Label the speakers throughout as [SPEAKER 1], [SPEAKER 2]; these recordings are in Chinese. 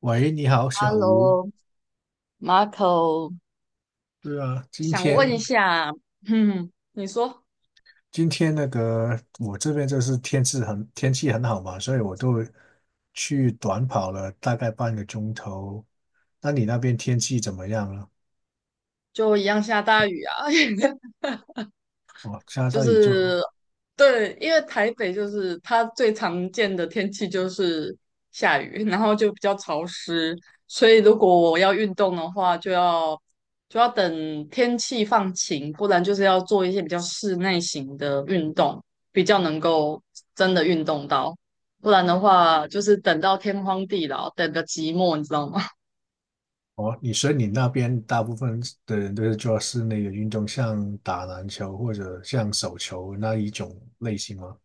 [SPEAKER 1] 喂，你好，小卢。
[SPEAKER 2] Hello，Marco，
[SPEAKER 1] 对啊，今
[SPEAKER 2] 想问一
[SPEAKER 1] 天
[SPEAKER 2] 下。你说。
[SPEAKER 1] 那个我这边就是天气很好嘛，所以我都去短跑了大概半个钟头。那你那边天气怎么样了？
[SPEAKER 2] 就一样下大雨啊？
[SPEAKER 1] 哦，下
[SPEAKER 2] 就
[SPEAKER 1] 大雨就。
[SPEAKER 2] 是对，因为台北就是它最常见的天气就是下雨，然后就比较潮湿，所以如果我要运动的话，就要等天气放晴，不然就是要做一些比较室内型的运动，比较能够真的运动到，不然的话就是等到天荒地老，等个寂寞，你知道吗？
[SPEAKER 1] 哦，所以你那边大部分的人都是做室内的运动，像打篮球或者像手球那一种类型吗？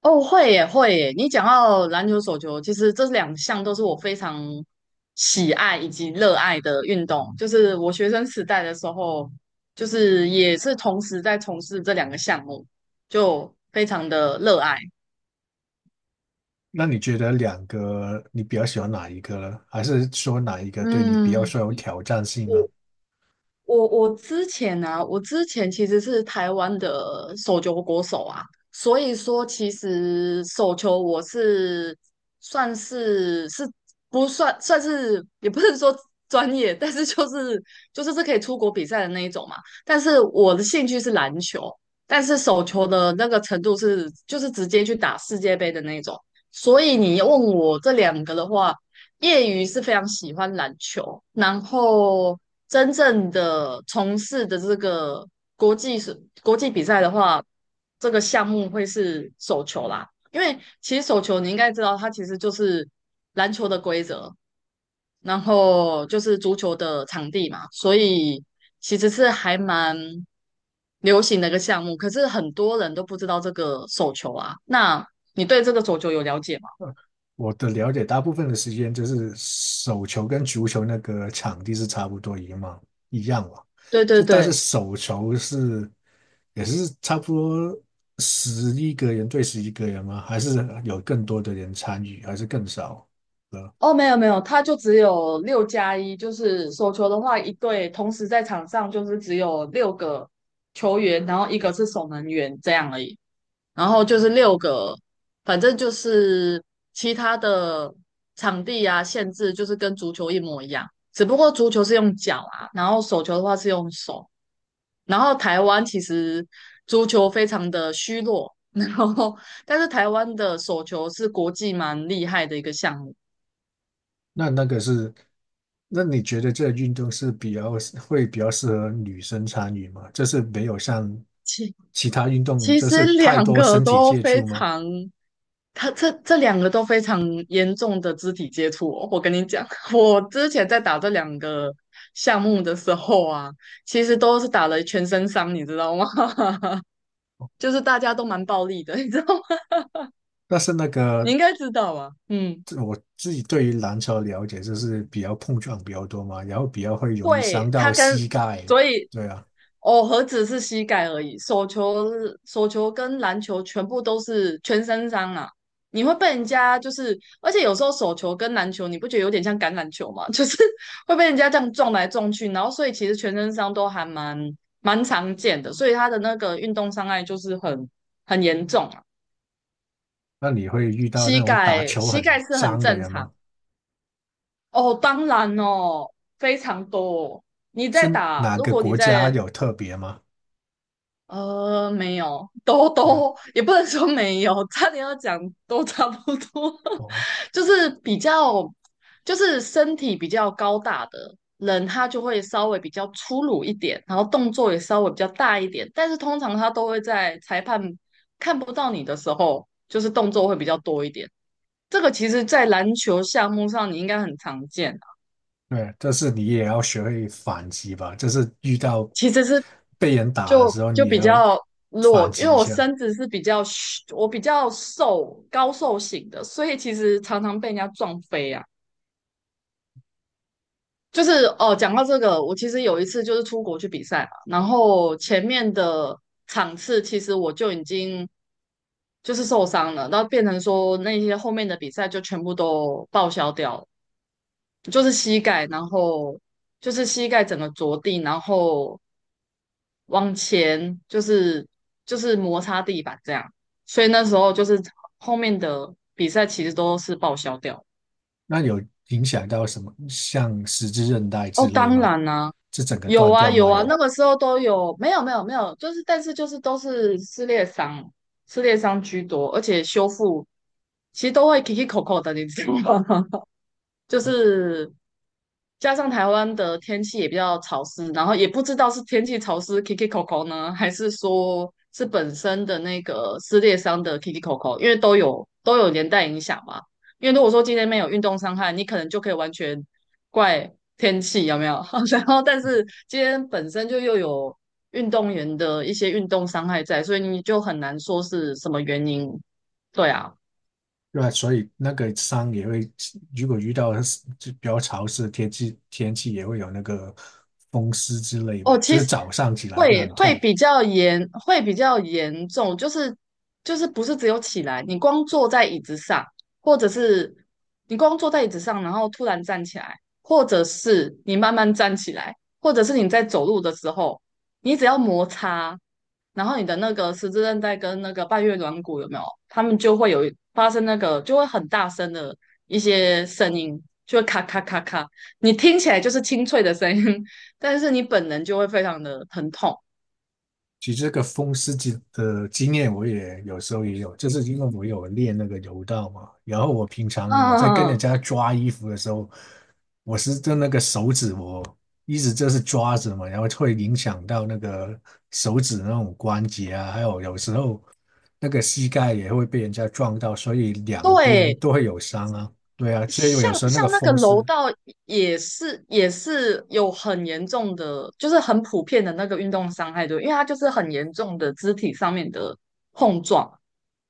[SPEAKER 2] 哦，会耶，会耶！你讲到篮球、手球，其实这两项都是我非常喜爱以及热爱的运动。就是我学生时代的时候，就是也是同时在从事这两个项目，就非常的热爱。
[SPEAKER 1] 那你觉得两个你比较喜欢哪一个呢？还是说哪一个对你比较
[SPEAKER 2] 嗯，
[SPEAKER 1] 说有挑战性呢？
[SPEAKER 2] 我我之前其实是台湾的手球国手啊，所以说其实手球我是算是不算算是也不是说专业，但是就是可以出国比赛的那一种嘛。但是我的兴趣是篮球，但是手球的那个程度就是直接去打世界杯的那一种。所以你问我这两个的话，业余是非常喜欢篮球，然后真正的从事的这个国际比赛的话，这个项目会是手球啦。因为其实手球你应该知道，它其实就是篮球的规则，然后就是足球的场地嘛，所以其实是还蛮流行的一个项目。可是很多人都不知道这个手球啊。那你对这个手球有了解吗？
[SPEAKER 1] 我的了解，大部分的时间就是手球跟足球那个场地是差不多一样嘛。
[SPEAKER 2] 对对
[SPEAKER 1] 就但是
[SPEAKER 2] 对。
[SPEAKER 1] 手球是也是差不多十一个人对十一个人吗？还是有更多的人参与，还是更少了？
[SPEAKER 2] 哦，没有没有，他就只有6+1，就是手球的话，一队同时在场上就是只有6个球员，然后一个是守门员这样而已，然后就是六个，反正就是其他的场地啊限制就是跟足球一模一样，只不过足球是用脚啊，然后手球的话是用手，然后台湾其实足球非常的虚弱，然后但是台湾的手球是国际蛮厉害的一个项目。
[SPEAKER 1] 那那个是，那你觉得这个运动是会比较适合女生参与吗？就是没有像其他运动
[SPEAKER 2] 其
[SPEAKER 1] 就
[SPEAKER 2] 实
[SPEAKER 1] 是太
[SPEAKER 2] 两
[SPEAKER 1] 多
[SPEAKER 2] 个
[SPEAKER 1] 身体
[SPEAKER 2] 都
[SPEAKER 1] 接
[SPEAKER 2] 非
[SPEAKER 1] 触吗？
[SPEAKER 2] 常，他这两个都非常严重的肢体接触哦我跟你讲，我之前在打这两个项目的时候啊，其实都是打了全身伤，你知道吗？就是大家都蛮暴力的，你知道吗？
[SPEAKER 1] 但是那
[SPEAKER 2] 你
[SPEAKER 1] 个，
[SPEAKER 2] 应该知道啊。嗯。
[SPEAKER 1] 这我自己对于篮球了解就是比较碰撞比较多嘛，然后比较会容易
[SPEAKER 2] 对，
[SPEAKER 1] 伤
[SPEAKER 2] 他
[SPEAKER 1] 到
[SPEAKER 2] 跟，
[SPEAKER 1] 膝盖。
[SPEAKER 2] 所以
[SPEAKER 1] 对啊。
[SPEAKER 2] 哦，何止是膝盖而已，手球、手球跟篮球全部都是全身伤啊！你会被人家就是，而且有时候手球跟篮球，你不觉得有点像橄榄球吗？就是会被人家这样撞来撞去，然后所以其实全身伤都还蛮常见的，所以他的那个运动伤害就是很严重啊。
[SPEAKER 1] 那你会遇到那
[SPEAKER 2] 膝
[SPEAKER 1] 种打
[SPEAKER 2] 盖
[SPEAKER 1] 球
[SPEAKER 2] 膝盖
[SPEAKER 1] 很
[SPEAKER 2] 是很
[SPEAKER 1] 脏的
[SPEAKER 2] 正
[SPEAKER 1] 人吗？
[SPEAKER 2] 常哦，当然哦，非常多哦你在
[SPEAKER 1] 是
[SPEAKER 2] 打，
[SPEAKER 1] 哪
[SPEAKER 2] 如
[SPEAKER 1] 个
[SPEAKER 2] 果你
[SPEAKER 1] 国家
[SPEAKER 2] 在
[SPEAKER 1] 有特别吗？
[SPEAKER 2] 没有，都
[SPEAKER 1] 没有。
[SPEAKER 2] 都也不能说没有，差点要讲都差不多，
[SPEAKER 1] 哦，
[SPEAKER 2] 就是比较，就是身体比较高大的人，他就会稍微比较粗鲁一点，然后动作也稍微比较大一点，但是通常他都会在裁判看不到你的时候，就是动作会比较多一点。这个其实，在篮球项目上你应该很常见啊，
[SPEAKER 1] 对啊，但是你也要学会反击吧，就是遇到
[SPEAKER 2] 其实是
[SPEAKER 1] 被人打的
[SPEAKER 2] 就
[SPEAKER 1] 时候，
[SPEAKER 2] 就
[SPEAKER 1] 你也
[SPEAKER 2] 比
[SPEAKER 1] 要
[SPEAKER 2] 较弱，
[SPEAKER 1] 反
[SPEAKER 2] 因
[SPEAKER 1] 击
[SPEAKER 2] 为
[SPEAKER 1] 一
[SPEAKER 2] 我
[SPEAKER 1] 下。
[SPEAKER 2] 身子是比较虚我比较瘦高瘦型的，所以其实常常被人家撞飞啊。就是哦，讲到这个，我其实有一次就是出国去比赛嘛，然后前面的场次其实我就已经就是受伤了，然后变成说那些后面的比赛就全部都报销掉了，就是膝盖，然后就是膝盖整个着地，然后往前就是摩擦地板这样，所以那时候就是后面的比赛其实都是报销掉。
[SPEAKER 1] 那有影响到什么，像十字韧带之
[SPEAKER 2] 哦，
[SPEAKER 1] 类
[SPEAKER 2] 当
[SPEAKER 1] 吗？
[SPEAKER 2] 然啦、
[SPEAKER 1] 是整个
[SPEAKER 2] 有
[SPEAKER 1] 断
[SPEAKER 2] 啊
[SPEAKER 1] 掉
[SPEAKER 2] 有
[SPEAKER 1] 吗？
[SPEAKER 2] 啊，那
[SPEAKER 1] 有。
[SPEAKER 2] 个时候都有，没有没有没有，就是但是就是都是撕裂伤，撕裂伤居多，而且修复其实都会 k i k i 口口的，你知道吗？就是加上台湾的天气也比较潮湿，然后也不知道是天气潮湿 Kiki Coco 呢，还是说是本身的那个撕裂伤的 Kiki Coco，因为都有连带影响嘛。因为如果说今天没有运动伤害，你可能就可以完全怪天气有没有？然后但是今天本身就又有运动员的一些运动伤害在，所以你就很难说是什么原因。对啊。
[SPEAKER 1] 对啊，所以那个伤也会，如果遇到是就比较潮湿的天气，天气也会有那个风湿之类
[SPEAKER 2] 哦，
[SPEAKER 1] 吧，就
[SPEAKER 2] 其
[SPEAKER 1] 是
[SPEAKER 2] 实
[SPEAKER 1] 早上起来会
[SPEAKER 2] 会
[SPEAKER 1] 很
[SPEAKER 2] 会
[SPEAKER 1] 痛。
[SPEAKER 2] 比较严，会比较严重，就是就是不是只有起来，你光坐在椅子上，或者是你光坐在椅子上，然后突然站起来，或者是你慢慢站起来，或者是你在走路的时候，你只要摩擦，然后你的那个十字韧带跟那个半月软骨有没有？他们就会有发生那个，就会很大声的一些声音，就会咔咔咔咔，你听起来就是清脆的声音，但是你本人就会非常的疼痛。
[SPEAKER 1] 其实这个风湿的经验，我也有时候也有，就是因为我有练那个柔道嘛。然后我平
[SPEAKER 2] 嗯。
[SPEAKER 1] 常在跟
[SPEAKER 2] 嗯
[SPEAKER 1] 人
[SPEAKER 2] 嗯。
[SPEAKER 1] 家抓衣服的时候，我是就那个手指我一直就是抓着嘛，然后会影响到那个手指那种关节啊，还有时候。那个膝盖也会被人家撞到，所以两边
[SPEAKER 2] 对，
[SPEAKER 1] 都会有伤啊。对啊，所以
[SPEAKER 2] 像
[SPEAKER 1] 有时候那个
[SPEAKER 2] 像那个
[SPEAKER 1] 风
[SPEAKER 2] 楼
[SPEAKER 1] 湿，
[SPEAKER 2] 道也是有很严重的，就是很普遍的那个运动伤害，对，因为它就是很严重的肢体上面的，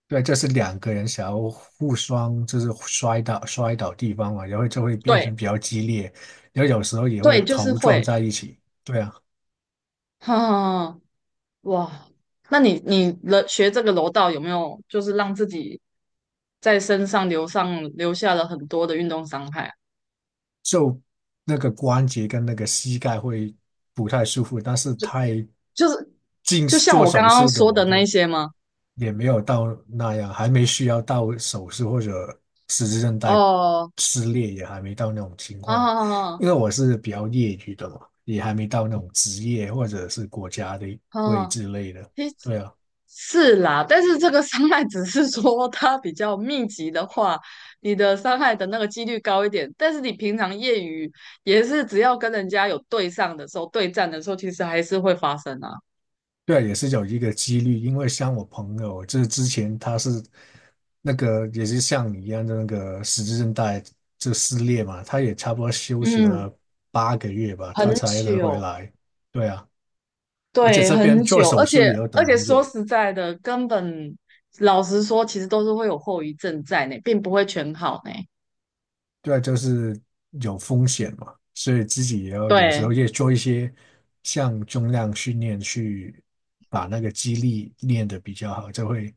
[SPEAKER 1] 对，这是两个人想要互双，就是摔倒地方嘛，然后就会变
[SPEAKER 2] 对
[SPEAKER 1] 成比较激烈，然后有时候也会
[SPEAKER 2] 对，就是
[SPEAKER 1] 头撞
[SPEAKER 2] 会，
[SPEAKER 1] 在一起。对啊。
[SPEAKER 2] 哼、哇，那你你了学这个柔道有没有就是让自己在身上留上留下了很多的运动伤害啊
[SPEAKER 1] 就那个关节跟那个膝盖会不太舒服，但是太
[SPEAKER 2] 就是
[SPEAKER 1] 近
[SPEAKER 2] 就像
[SPEAKER 1] 做
[SPEAKER 2] 我刚
[SPEAKER 1] 手
[SPEAKER 2] 刚
[SPEAKER 1] 术的
[SPEAKER 2] 说
[SPEAKER 1] 我
[SPEAKER 2] 的那
[SPEAKER 1] 就
[SPEAKER 2] 些吗？
[SPEAKER 1] 也没有到那样，还没需要到手术或者十字韧带
[SPEAKER 2] 哦，
[SPEAKER 1] 撕裂，也还没到那种情
[SPEAKER 2] 好
[SPEAKER 1] 况，
[SPEAKER 2] 好好好
[SPEAKER 1] 因为我是比较业余的嘛，也还没到那种职业或者是国家的
[SPEAKER 2] 好，
[SPEAKER 1] 位
[SPEAKER 2] 好
[SPEAKER 1] 之类的，
[SPEAKER 2] 诶。
[SPEAKER 1] 对啊。
[SPEAKER 2] 是啦，但是这个伤害只是说它比较密集的话，你的伤害的那个几率高一点。但是你平常业余也是只要跟人家有对上的时候，对战的时候，其实还是会发生啊。
[SPEAKER 1] 对，也是有一个几率，因为像我朋友，就是之前他是那个也是像你一样的那个十字韧带就撕裂嘛，他也差不多休息
[SPEAKER 2] 嗯。
[SPEAKER 1] 了8个月吧，他
[SPEAKER 2] 很
[SPEAKER 1] 才能回
[SPEAKER 2] 久。
[SPEAKER 1] 来。对啊，而且
[SPEAKER 2] 对，
[SPEAKER 1] 这边
[SPEAKER 2] 很
[SPEAKER 1] 做
[SPEAKER 2] 久，
[SPEAKER 1] 手
[SPEAKER 2] 而
[SPEAKER 1] 术
[SPEAKER 2] 且
[SPEAKER 1] 也要
[SPEAKER 2] 而
[SPEAKER 1] 等
[SPEAKER 2] 且
[SPEAKER 1] 很
[SPEAKER 2] 说
[SPEAKER 1] 久，
[SPEAKER 2] 实在的，根本老实说，其实都是会有后遗症在呢，并不会全好呢。
[SPEAKER 1] 对啊，就是有风险嘛，所以自己也要有时
[SPEAKER 2] 对，
[SPEAKER 1] 候也做一些像重量训练去把那个肌力练得比较好，就会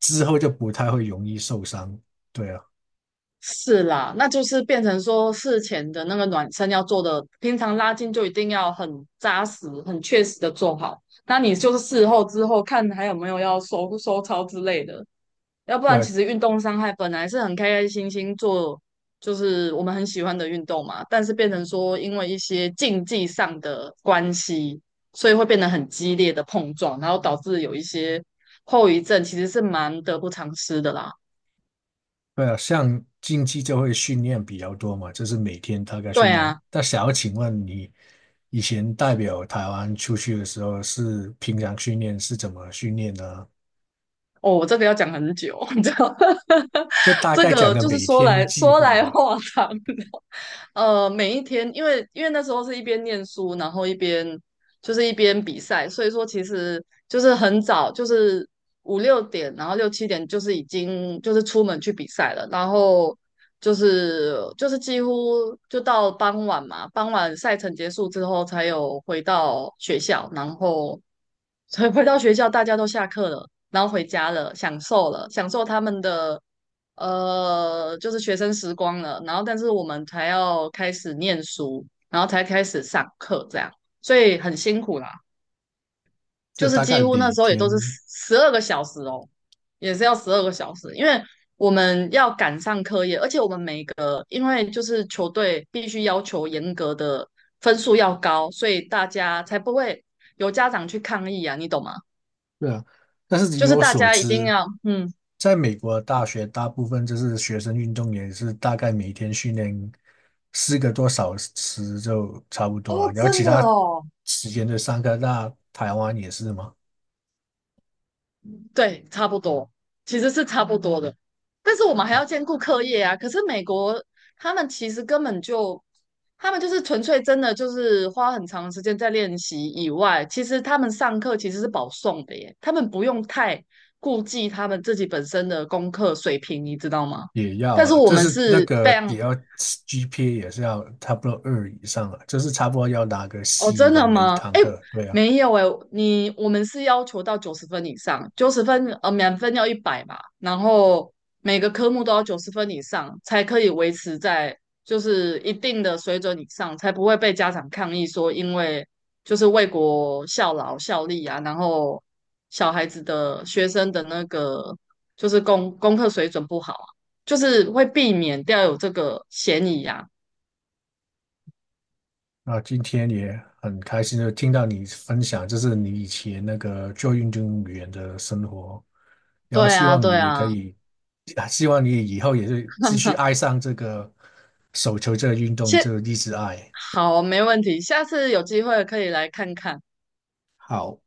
[SPEAKER 1] 之后就不太会容易受伤。对啊。
[SPEAKER 2] 是啦，那就是变成说事前的那个暖身要做的，平常拉筋就一定要很扎实、很确实的做好。那你就是事后之后看还有没有要收收操之类的。要不然
[SPEAKER 1] 对，
[SPEAKER 2] 其实运动伤害本来是很开开心心做，就是我们很喜欢的运动嘛，但是变成说因为一些竞技上的关系，所以会变得很激烈的碰撞，然后导致有一些后遗症，其实是蛮得不偿失的啦。
[SPEAKER 1] 对啊，像竞技就会训练比较多嘛，就是每天大概
[SPEAKER 2] 对
[SPEAKER 1] 训练。
[SPEAKER 2] 啊。
[SPEAKER 1] 那想要请问你，以前代表台湾出去的时候是平常训练是怎么训练呢？
[SPEAKER 2] 哦，我这个要讲很久，你知道，
[SPEAKER 1] 就 大
[SPEAKER 2] 这
[SPEAKER 1] 概讲
[SPEAKER 2] 个
[SPEAKER 1] 个
[SPEAKER 2] 就是
[SPEAKER 1] 每
[SPEAKER 2] 说
[SPEAKER 1] 天
[SPEAKER 2] 来
[SPEAKER 1] 计
[SPEAKER 2] 说
[SPEAKER 1] 划
[SPEAKER 2] 来
[SPEAKER 1] 吧，
[SPEAKER 2] 话长。每一天，因为因为那时候是一边念书，然后一边就是一边比赛，所以说其实就是很早，就是五六点，然后六七点就是已经就是出门去比赛了，然后就是几乎就到傍晚嘛，傍晚赛程结束之后才有回到学校，然后所以回到学校，大家都下课了，然后回家了，享受了，享受他们的就是学生时光了。然后，但是我们才要开始念书，然后才开始上课，这样，所以很辛苦啦。
[SPEAKER 1] 就
[SPEAKER 2] 就是
[SPEAKER 1] 大
[SPEAKER 2] 几
[SPEAKER 1] 概
[SPEAKER 2] 乎那
[SPEAKER 1] 每
[SPEAKER 2] 时候也都是
[SPEAKER 1] 天，
[SPEAKER 2] 十二个小时哦，也是要十二个小时，因为我们要赶上课业，而且我们每个因为就是球队必须要求严格的分数要高，所以大家才不会有家长去抗议啊，你懂吗？
[SPEAKER 1] 对啊。但是
[SPEAKER 2] 就
[SPEAKER 1] 以
[SPEAKER 2] 是
[SPEAKER 1] 我
[SPEAKER 2] 大
[SPEAKER 1] 所
[SPEAKER 2] 家一定
[SPEAKER 1] 知，
[SPEAKER 2] 要，嗯。
[SPEAKER 1] 在美国大学大部分就是学生运动员是大概每天训练4个多小时就差不多啊，
[SPEAKER 2] 哦，
[SPEAKER 1] 然后其
[SPEAKER 2] 真的
[SPEAKER 1] 他
[SPEAKER 2] 哦。
[SPEAKER 1] 时间就上课。那台湾也是吗？
[SPEAKER 2] 对，差不多，其实是差不多的。但是我们还要兼顾课业啊。可是美国他们其实根本就，他们就是纯粹真的就是花很长时间在练习以外，其实他们上课其实是保送的耶，他们不用太顾忌他们自己本身的功课水平，你知道吗？
[SPEAKER 1] 也要
[SPEAKER 2] 但是
[SPEAKER 1] 了，
[SPEAKER 2] 我
[SPEAKER 1] 就
[SPEAKER 2] 们
[SPEAKER 1] 是那
[SPEAKER 2] 是非
[SPEAKER 1] 个
[SPEAKER 2] 常
[SPEAKER 1] 也要 GPA 也是要差不多2以上了，就是差不多要拿个
[SPEAKER 2] 哦，
[SPEAKER 1] C
[SPEAKER 2] 真
[SPEAKER 1] 吧，
[SPEAKER 2] 的
[SPEAKER 1] 每一
[SPEAKER 2] 吗？
[SPEAKER 1] 堂
[SPEAKER 2] 哎，
[SPEAKER 1] 课。对啊。
[SPEAKER 2] 没有哎，你我们是要求到九十分以上，九十分满分要100嘛，然后每个科目都要九十分以上才可以维持在就是一定的水准以上，才不会被家长抗议说因为就是为国效劳效力啊，然后小孩子的学生的那个就是功课水准不好啊，就是会避免掉有这个嫌疑啊。
[SPEAKER 1] 那今天也很开心，就听到你分享，就是你以前那个做运动员的生活，然后
[SPEAKER 2] 对
[SPEAKER 1] 希
[SPEAKER 2] 啊，
[SPEAKER 1] 望
[SPEAKER 2] 对
[SPEAKER 1] 你也可
[SPEAKER 2] 啊。
[SPEAKER 1] 以，啊希望你以后也是继续 爱上这个手球这个运动，
[SPEAKER 2] 现
[SPEAKER 1] 这个一直爱。
[SPEAKER 2] 好，没问题，下次有机会可以来看看。
[SPEAKER 1] 好。